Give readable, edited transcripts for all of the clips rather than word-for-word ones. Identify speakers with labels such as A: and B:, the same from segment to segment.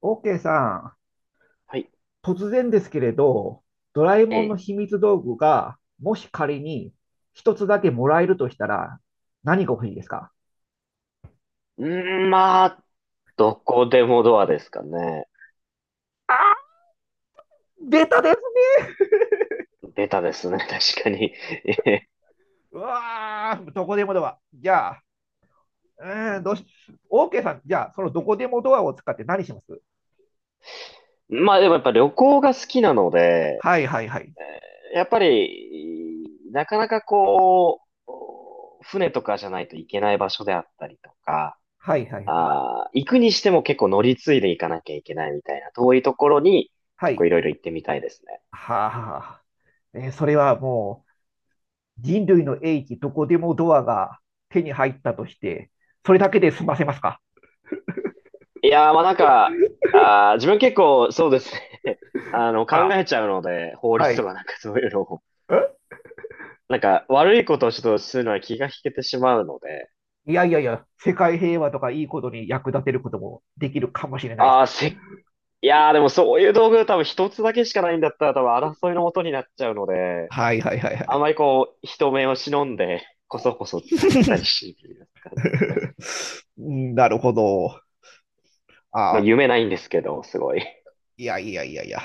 A: OK さ
B: はい。
A: ん、突然ですけれど、ドラえ
B: え
A: もんの
B: え。
A: 秘密道具が、もし仮に一つだけもらえるとしたら、何が欲しいですか？
B: うーん、まあ、どこでもドアですかね。ベタですね、確かに。ええ、
A: うわー、どこでもドア。じゃあ、うーん、どうし、OK さん、じゃあ、そのどこでもドアを使って何します？
B: まあ、でもやっぱ旅行が好きなので、
A: はいはいはい。
B: えやっぱり、なかなかこう、船とかじゃないといけない場所であったりとか、
A: はいはいはい。
B: 行くにしても結構乗り継いで行かなきゃいけないみたいな、遠いところに
A: は
B: 結構
A: い。
B: いろいろ行ってみたいですね。
A: はあ、それは人類の英知、どこでもドアが手に入ったとして、それだけで済ませますか？
B: いやー、まあなんか、自分結構そうですね。
A: あ
B: 考
A: ら、
B: えちゃうので、法
A: は
B: 律と
A: い。
B: かなんかそういうのを、
A: え、
B: なんか悪いことをちょっとするのは気が引けてしまうので、
A: いやいやいや、世界平和とかいいことに役立てることもできるかもしれないです
B: ああ、
A: よ。
B: いやー、でもそういう道具多分一つだけしかないんだったら多分争いの元になっちゃうので、
A: はいはいはいは
B: あん
A: い。
B: まりこう、人目を忍んで、こそこそ使ったりし、てるんですかね。
A: うん、なるほど。
B: まあ
A: あ、
B: 夢ないんですけど、すごい。
A: いやいやいやいや。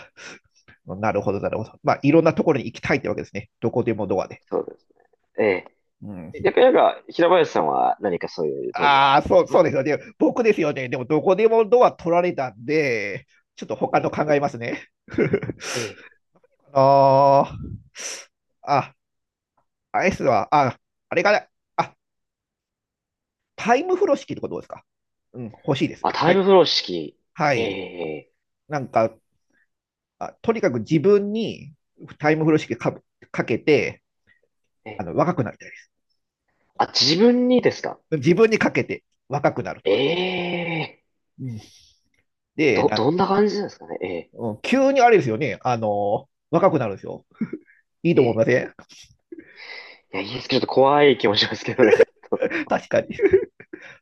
A: なるほど、なるほど。まあ、いろんなところに行きたいってわけですね。どこでもドアで。
B: そうですね。
A: うん、
B: ええ。やっぱりなんか、平林さんは何かそういう道具はあ
A: あ
B: り
A: あ、
B: ます
A: そうそう
B: か？
A: ですよね。僕ですよね。でも、どこでもドア取られたんで、ちょっと他
B: え
A: の
B: え。
A: 考えますね。
B: ええ、
A: あのーあ、アイスは、あ、あれかな。あ、タイム風呂式とかどうですか？うん、欲しいです。
B: まあ、タ
A: は
B: イ
A: い。
B: ムフロー式。
A: は
B: え
A: い。
B: え
A: なんか、あとにかく自分にタイム風呂式かかけて、
B: ええええ、
A: 若くなりたいです。
B: あ、自分にですか？
A: 自分にかけて若くなると
B: え
A: か。
B: え、
A: うん、で、な、
B: どんな感じなんですかねえ
A: うん、急にあれですよね。あの若くなるんですよ。いいと
B: ええ
A: 思いま
B: え、
A: せん？
B: いや、いいですけど、ちょっと怖い気もしますけどね。
A: 確かに。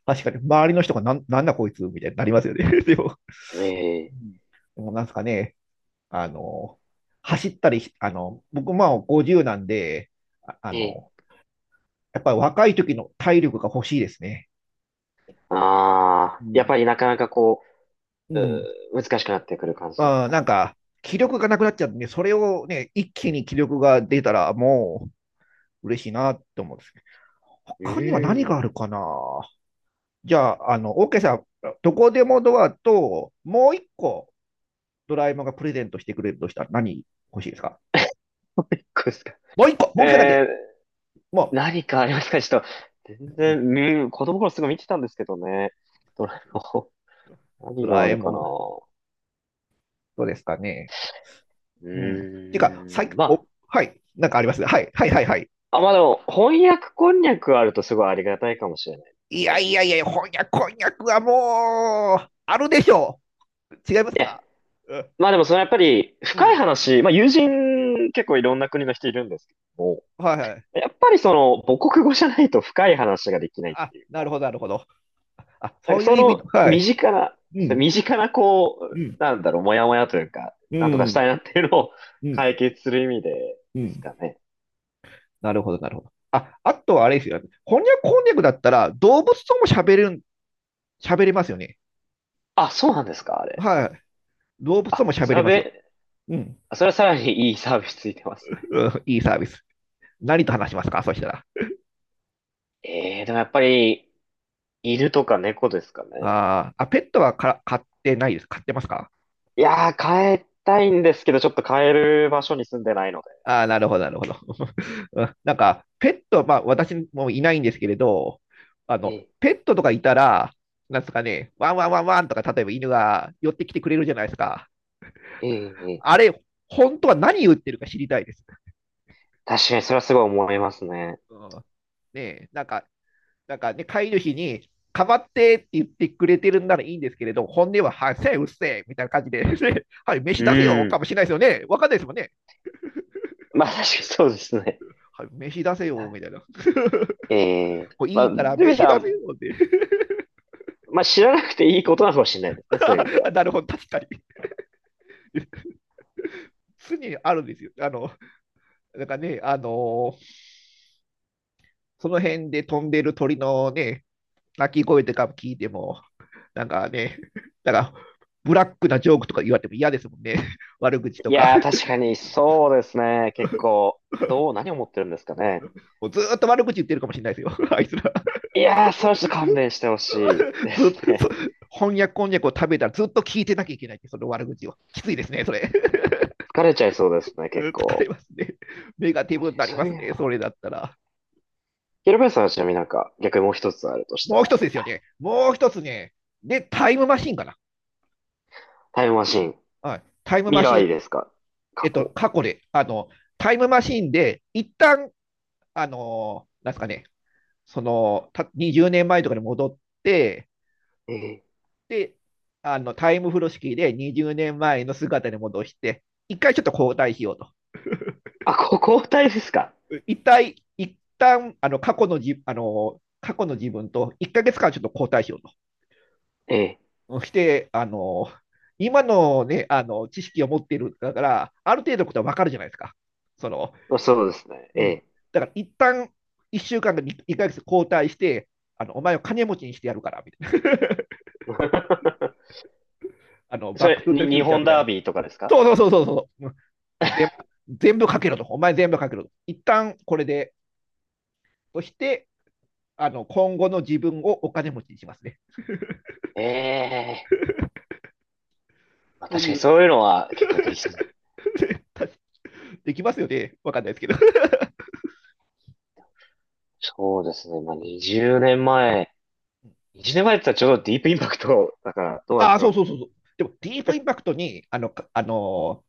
A: 確かに。周りの人がなんなんだこいつみたいになりますよね。でも、
B: ええ
A: うん、でもなんですかね、あの、走ったりし、僕まあ50なんで、ああ
B: え
A: の、
B: え、
A: やっぱり若い時の体力が欲しいですね。う
B: やっ
A: ん。
B: ぱりなかなかこ
A: う
B: う、
A: ん。
B: 難しくなってくる感じです
A: まあ、
B: か
A: なん
B: ね。
A: か、気力がなくなっちゃうんで、それをね、一気に気力が出たら、もう嬉しいなって思うんですけど、
B: う
A: 他には何
B: ー
A: が
B: ん、
A: あるかな。じゃあ、OK さん、どこでもドアと、もう一個、ドラえもんがプレゼントしてくれるとしたら何欲しいですか？
B: こうですか。
A: もう一個、もう一個だけ、
B: ええ、
A: も
B: 何かありますか、ちょっと、全
A: う、
B: 然、うん、子供の頃すごい見てたんですけどね。どれも、何
A: ド
B: が
A: ラ
B: あ
A: え
B: るかな。
A: もん、どうですかね。
B: う
A: うん。ていうか、
B: ーん、まあ、
A: はい、なんかありますね、はい、はい、はい、はい。
B: あ、まあでも、翻訳こんにゃくあるとすごいありがたいかもしれない
A: いや
B: ね。
A: いやいや、翻訳はもう、あるでしょう。違います
B: いや、
A: か？うん、
B: まあでもそのやっぱり
A: う
B: 深い
A: ん。
B: 話、まあ友人結構いろんな国の人いるんですけども、
A: はいはい。
B: やっぱりその母国語じゃないと深い話ができないっ
A: あ、
B: ていうか、
A: なるほど、なるほど。あ、
B: な
A: そ
B: んか
A: ういう
B: そ
A: 意味の、
B: の
A: は
B: 身
A: い。
B: 近な、
A: うん、
B: 身近なこ
A: う
B: う、
A: ん、
B: なんだろう、もやもやというか、
A: う
B: なんとかし
A: ん、
B: たいなっていうのを
A: う ん、
B: 解決する意味で
A: う
B: です
A: ん。
B: かね。
A: なるほど、なるほど。あ、あとはあれですよね。翻訳だったら、動物とも喋れる、喋れますよね。
B: あ、そうなんですか、あれ。
A: はい。動物と
B: あ、
A: も喋れ
B: サ
A: ますよ。
B: ベ、
A: うん。
B: あ、それはさらにいいサービスついてますね。
A: うん、いいサービス。何と話しますかそしたら。
B: ええ、でもやっぱり犬とか猫ですかね。
A: あーあ、ペットはか飼ってないです。飼ってますか？
B: いやー、変えたいんですけど、ちょっと変える場所に住んでないので。
A: ああ、なるほど、なるほど。うん、なんか、ペット、まあ、私もいないんですけれど、
B: ええ、
A: ペットとかいたら、なんですかね、ワンワンワンワンとか、例えば犬が寄ってきてくれるじゃないですか。
B: ええ、え
A: あ
B: え。
A: れ、本当は何言ってるか知りたいです。
B: 確かにそれはすごい思いますね。
A: うん、ねえ、なんか、なんかね、飼い主に、かまってって言ってくれてるんならいいんですけれど、本音は、はい、せえ、うっせえ、みたいな感じで、ね、はい、飯
B: う
A: 出せよ、か
B: ん。
A: もしれないですよね。わかんないですもんね。
B: まあ確かにそうですね。
A: はい、飯出せよ、
B: な
A: みたいな。
B: ええ。
A: こう
B: ま
A: い
B: あ、
A: い
B: とい
A: から、
B: う意味で
A: 飯出せ
B: は、
A: よって。
B: まあ知らなくていいことなのかもしれないですね、そういう意味で は。
A: なるほど、確かに。常にあるんですよ。なんかね、その辺で飛んでる鳥のね、鳴き声とか聞いても、なんかね、なんか、ブラックなジョークとか言われても嫌ですもんね。悪口と
B: い
A: か。
B: やー、確かにそうですね。結構、何を思ってるんですかね。
A: もうずっと悪口言ってるかもしれないですよ。あいつら。
B: いやー、それはちょっと勘弁してほしいで
A: ずっ
B: す
A: と、
B: ね。
A: 翻訳こんにゃくを食べたらずっと聞いてなきゃいけないって、その悪口を。きついですね、それ。
B: 疲れちゃいそうですね、結
A: 疲れ
B: 構。
A: ますね。ネガ
B: 確
A: ティ
B: かに
A: ブになり
B: そうい
A: ま
B: う
A: す
B: 意味で
A: ね、
B: は。
A: それだったら。
B: ヒロペさんはちなみになんか、逆にもう一つあるとした
A: もう一
B: ら、
A: つですよね。もう一つね。で、タイムマシンかな。
B: タイムマシン。
A: はい。タイム
B: 未
A: マ
B: 来
A: シ
B: ですか？
A: え
B: 過
A: っと、
B: 去？
A: 過去で、タイムマシンで、一旦、あの、なんですかね、その、た20年前とかに戻って、
B: ええ。
A: で、タイム風呂式で20年前の姿に戻して、一回ちょっと交代しようと。
B: あ、交代ですか？
A: 一旦、過去の自分と1ヶ月間ちょっと交代しようと。
B: ええ。
A: して、今のね、知識を持っているだから、ある程度のことはわかるじゃないですか。その、
B: まあそうですね。
A: う
B: え
A: ん、
B: え。
A: だから一旦一週間か1ヶつ交代して、あのお前を金持ちにしてやるからみたいな。 あの
B: そ
A: バック・
B: れ、
A: トゥ・ザ・
B: に、
A: フュ
B: 日
A: ーチャー
B: 本
A: みたい
B: ダー
A: な。
B: ビーとかですか？
A: そうそうそうそうそう。全部全部かけろと。お前全部かけろと。一旦これで、そしてあの今後の自分をお金持ちにしますね。
B: ええ。まあ
A: と
B: 確
A: い
B: かに
A: う
B: そういうのは結構できそう。
A: できますよね。わかんないですけど
B: そうですね。まあ 20年前。20年前って言ったらちょうどディープインパクトだからどうなん
A: あ
B: だ
A: あ、
B: ろ
A: そ
B: う。
A: うそうそうそう。でも、ディープインパクトに、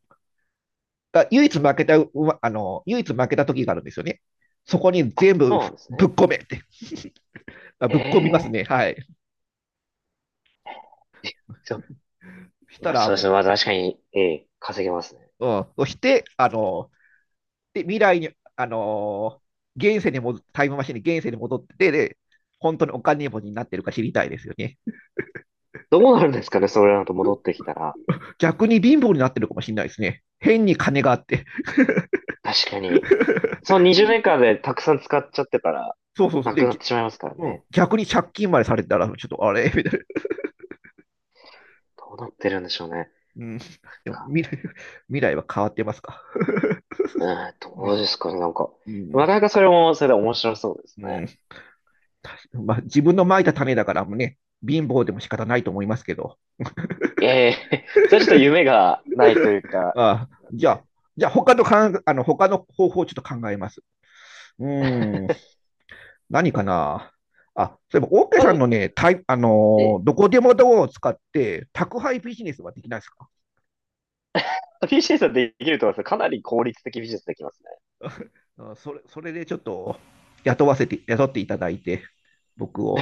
A: が唯一負けた、うまあの、唯一負けた時があるんですよね。そこに
B: あ、
A: 全
B: そ
A: 部
B: うなんです
A: ぶっ
B: ね。
A: 込めって。あ
B: え
A: ぶっ込みます
B: え。
A: ね。はい。
B: そう。
A: した
B: まあ
A: ら
B: そうです
A: も
B: ね。まあ確かに、ええ、稼げますね。
A: う、うん。そして、未来に、あのー現世にも、タイムマシンに現世に戻ってで、本当にお金持ちになってるか知りたいですよね。
B: どうなるんですかね、それだと戻ってきたら。
A: 逆に貧乏になってるかもしれないですね。変に金があって。
B: 確かに。その20年間でたくさん使っちゃってたら、
A: そうそうそう。
B: なく
A: で、
B: なってしまいますから
A: うん、
B: ね。
A: 逆に借金までされたら、ちょっとあれみたいな。
B: どうなってるんでしょうね。なん
A: うん。でも
B: か
A: 未 来、は変わってますか。
B: うん、
A: う、
B: どうですかね、なんか。
A: う
B: な
A: ん。
B: かなかそれも、それで面白そうです
A: う
B: ね。
A: ん まあ、自分のまいた種だからもね、貧乏でも仕方ないと思いますけど。
B: いやいや、 それはちょっと夢がないというか、
A: あじゃあ、じゃあ他のかんあの他の方法をちょっと考えます。うーん、何かな。あ、そういえば、オーケー
B: まあ、で
A: さん
B: も
A: のね、タイあの
B: え、
A: ーどこでもドアを使って宅配ビジネスはできないですか？
B: PC さん、できると思いますか？なり効率的ビジネスできますね。
A: うん、それそれでちょっと雇っていただいて、僕を。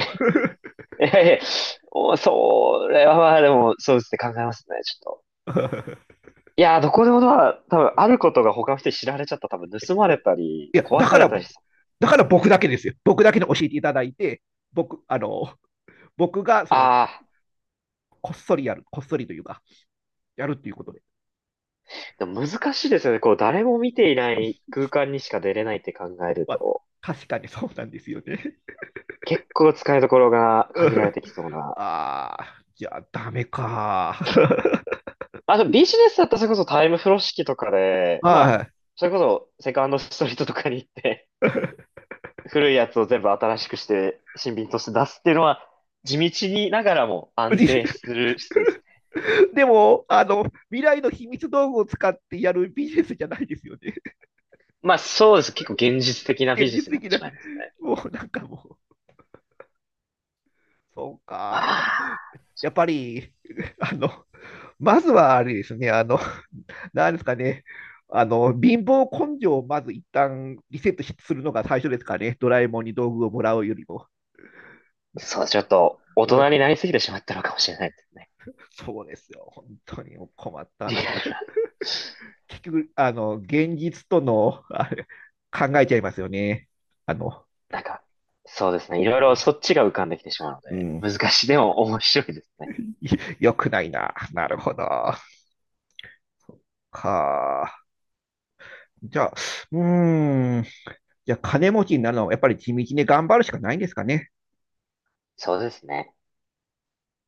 B: いやいや、それはまあでも、そうですね、考えますね、ちょっと。いやー、どこでもドア、多分あることが他の人に知られちゃったら多分盗まれた
A: い
B: り、
A: や、
B: 壊
A: だ
B: さ
A: か
B: れ
A: ら、
B: たりしそう。
A: だから僕だけですよ。僕だけに教えていただいて、僕、僕がその、
B: ああ。
A: こっそりやる、こっそりというか、やるっていうこと。
B: でも難しいですよね。こう、誰も見ていない
A: ま
B: 空間にしか出れないって考える
A: あ、
B: と、
A: 確かにそうなんですよね。
B: 結構使いどころが
A: う
B: 限られ
A: ん、
B: てきそうな。
A: ああ、じゃあダメか。
B: あと、でビジネスだったらそれこそタイムフロー式とかで、まあ、
A: は
B: それこそセカンドストリートとかに行って、古いやつを全部新しくして、新品として出すっていうのは、地道にながらも
A: い。
B: 安
A: で、
B: 定する、そうですね。
A: でも、未来の秘密道具を使ってやるビジネスじゃないですよね。
B: まあそうです。結構現実的なビ
A: 現
B: ジネ
A: 実
B: スになっ
A: 的
B: て
A: な、
B: しまいますね。
A: もうなんかもう、そう
B: ま
A: か。
B: あ、
A: やっぱり、あの、まずはあれですね、あの、なんですかね、あの、貧乏根性をまず一旦リセットしするのが最初ですかね、ドラえもんに道具をもらうよりも。
B: そう、ちょっと大
A: う
B: 人
A: ん、
B: になりすぎてしまったのかもしれないですね。
A: そうですよ。本当にも困った
B: リ
A: 話
B: アル
A: だ。
B: な。
A: 結局、現実との、あれ、考えちゃいますよね。あの、
B: なんか、そうですね。いろい
A: う
B: ろ
A: ん、
B: そっちが浮かんできてしまうの
A: う
B: で、
A: ん
B: 難しい。でも面白いですね。
A: 良くないな。なるほど。か。じゃあ、うーん。じゃあ、金持ちになるのは、やっぱり地道に頑張るしかないんですかね。
B: そうですね。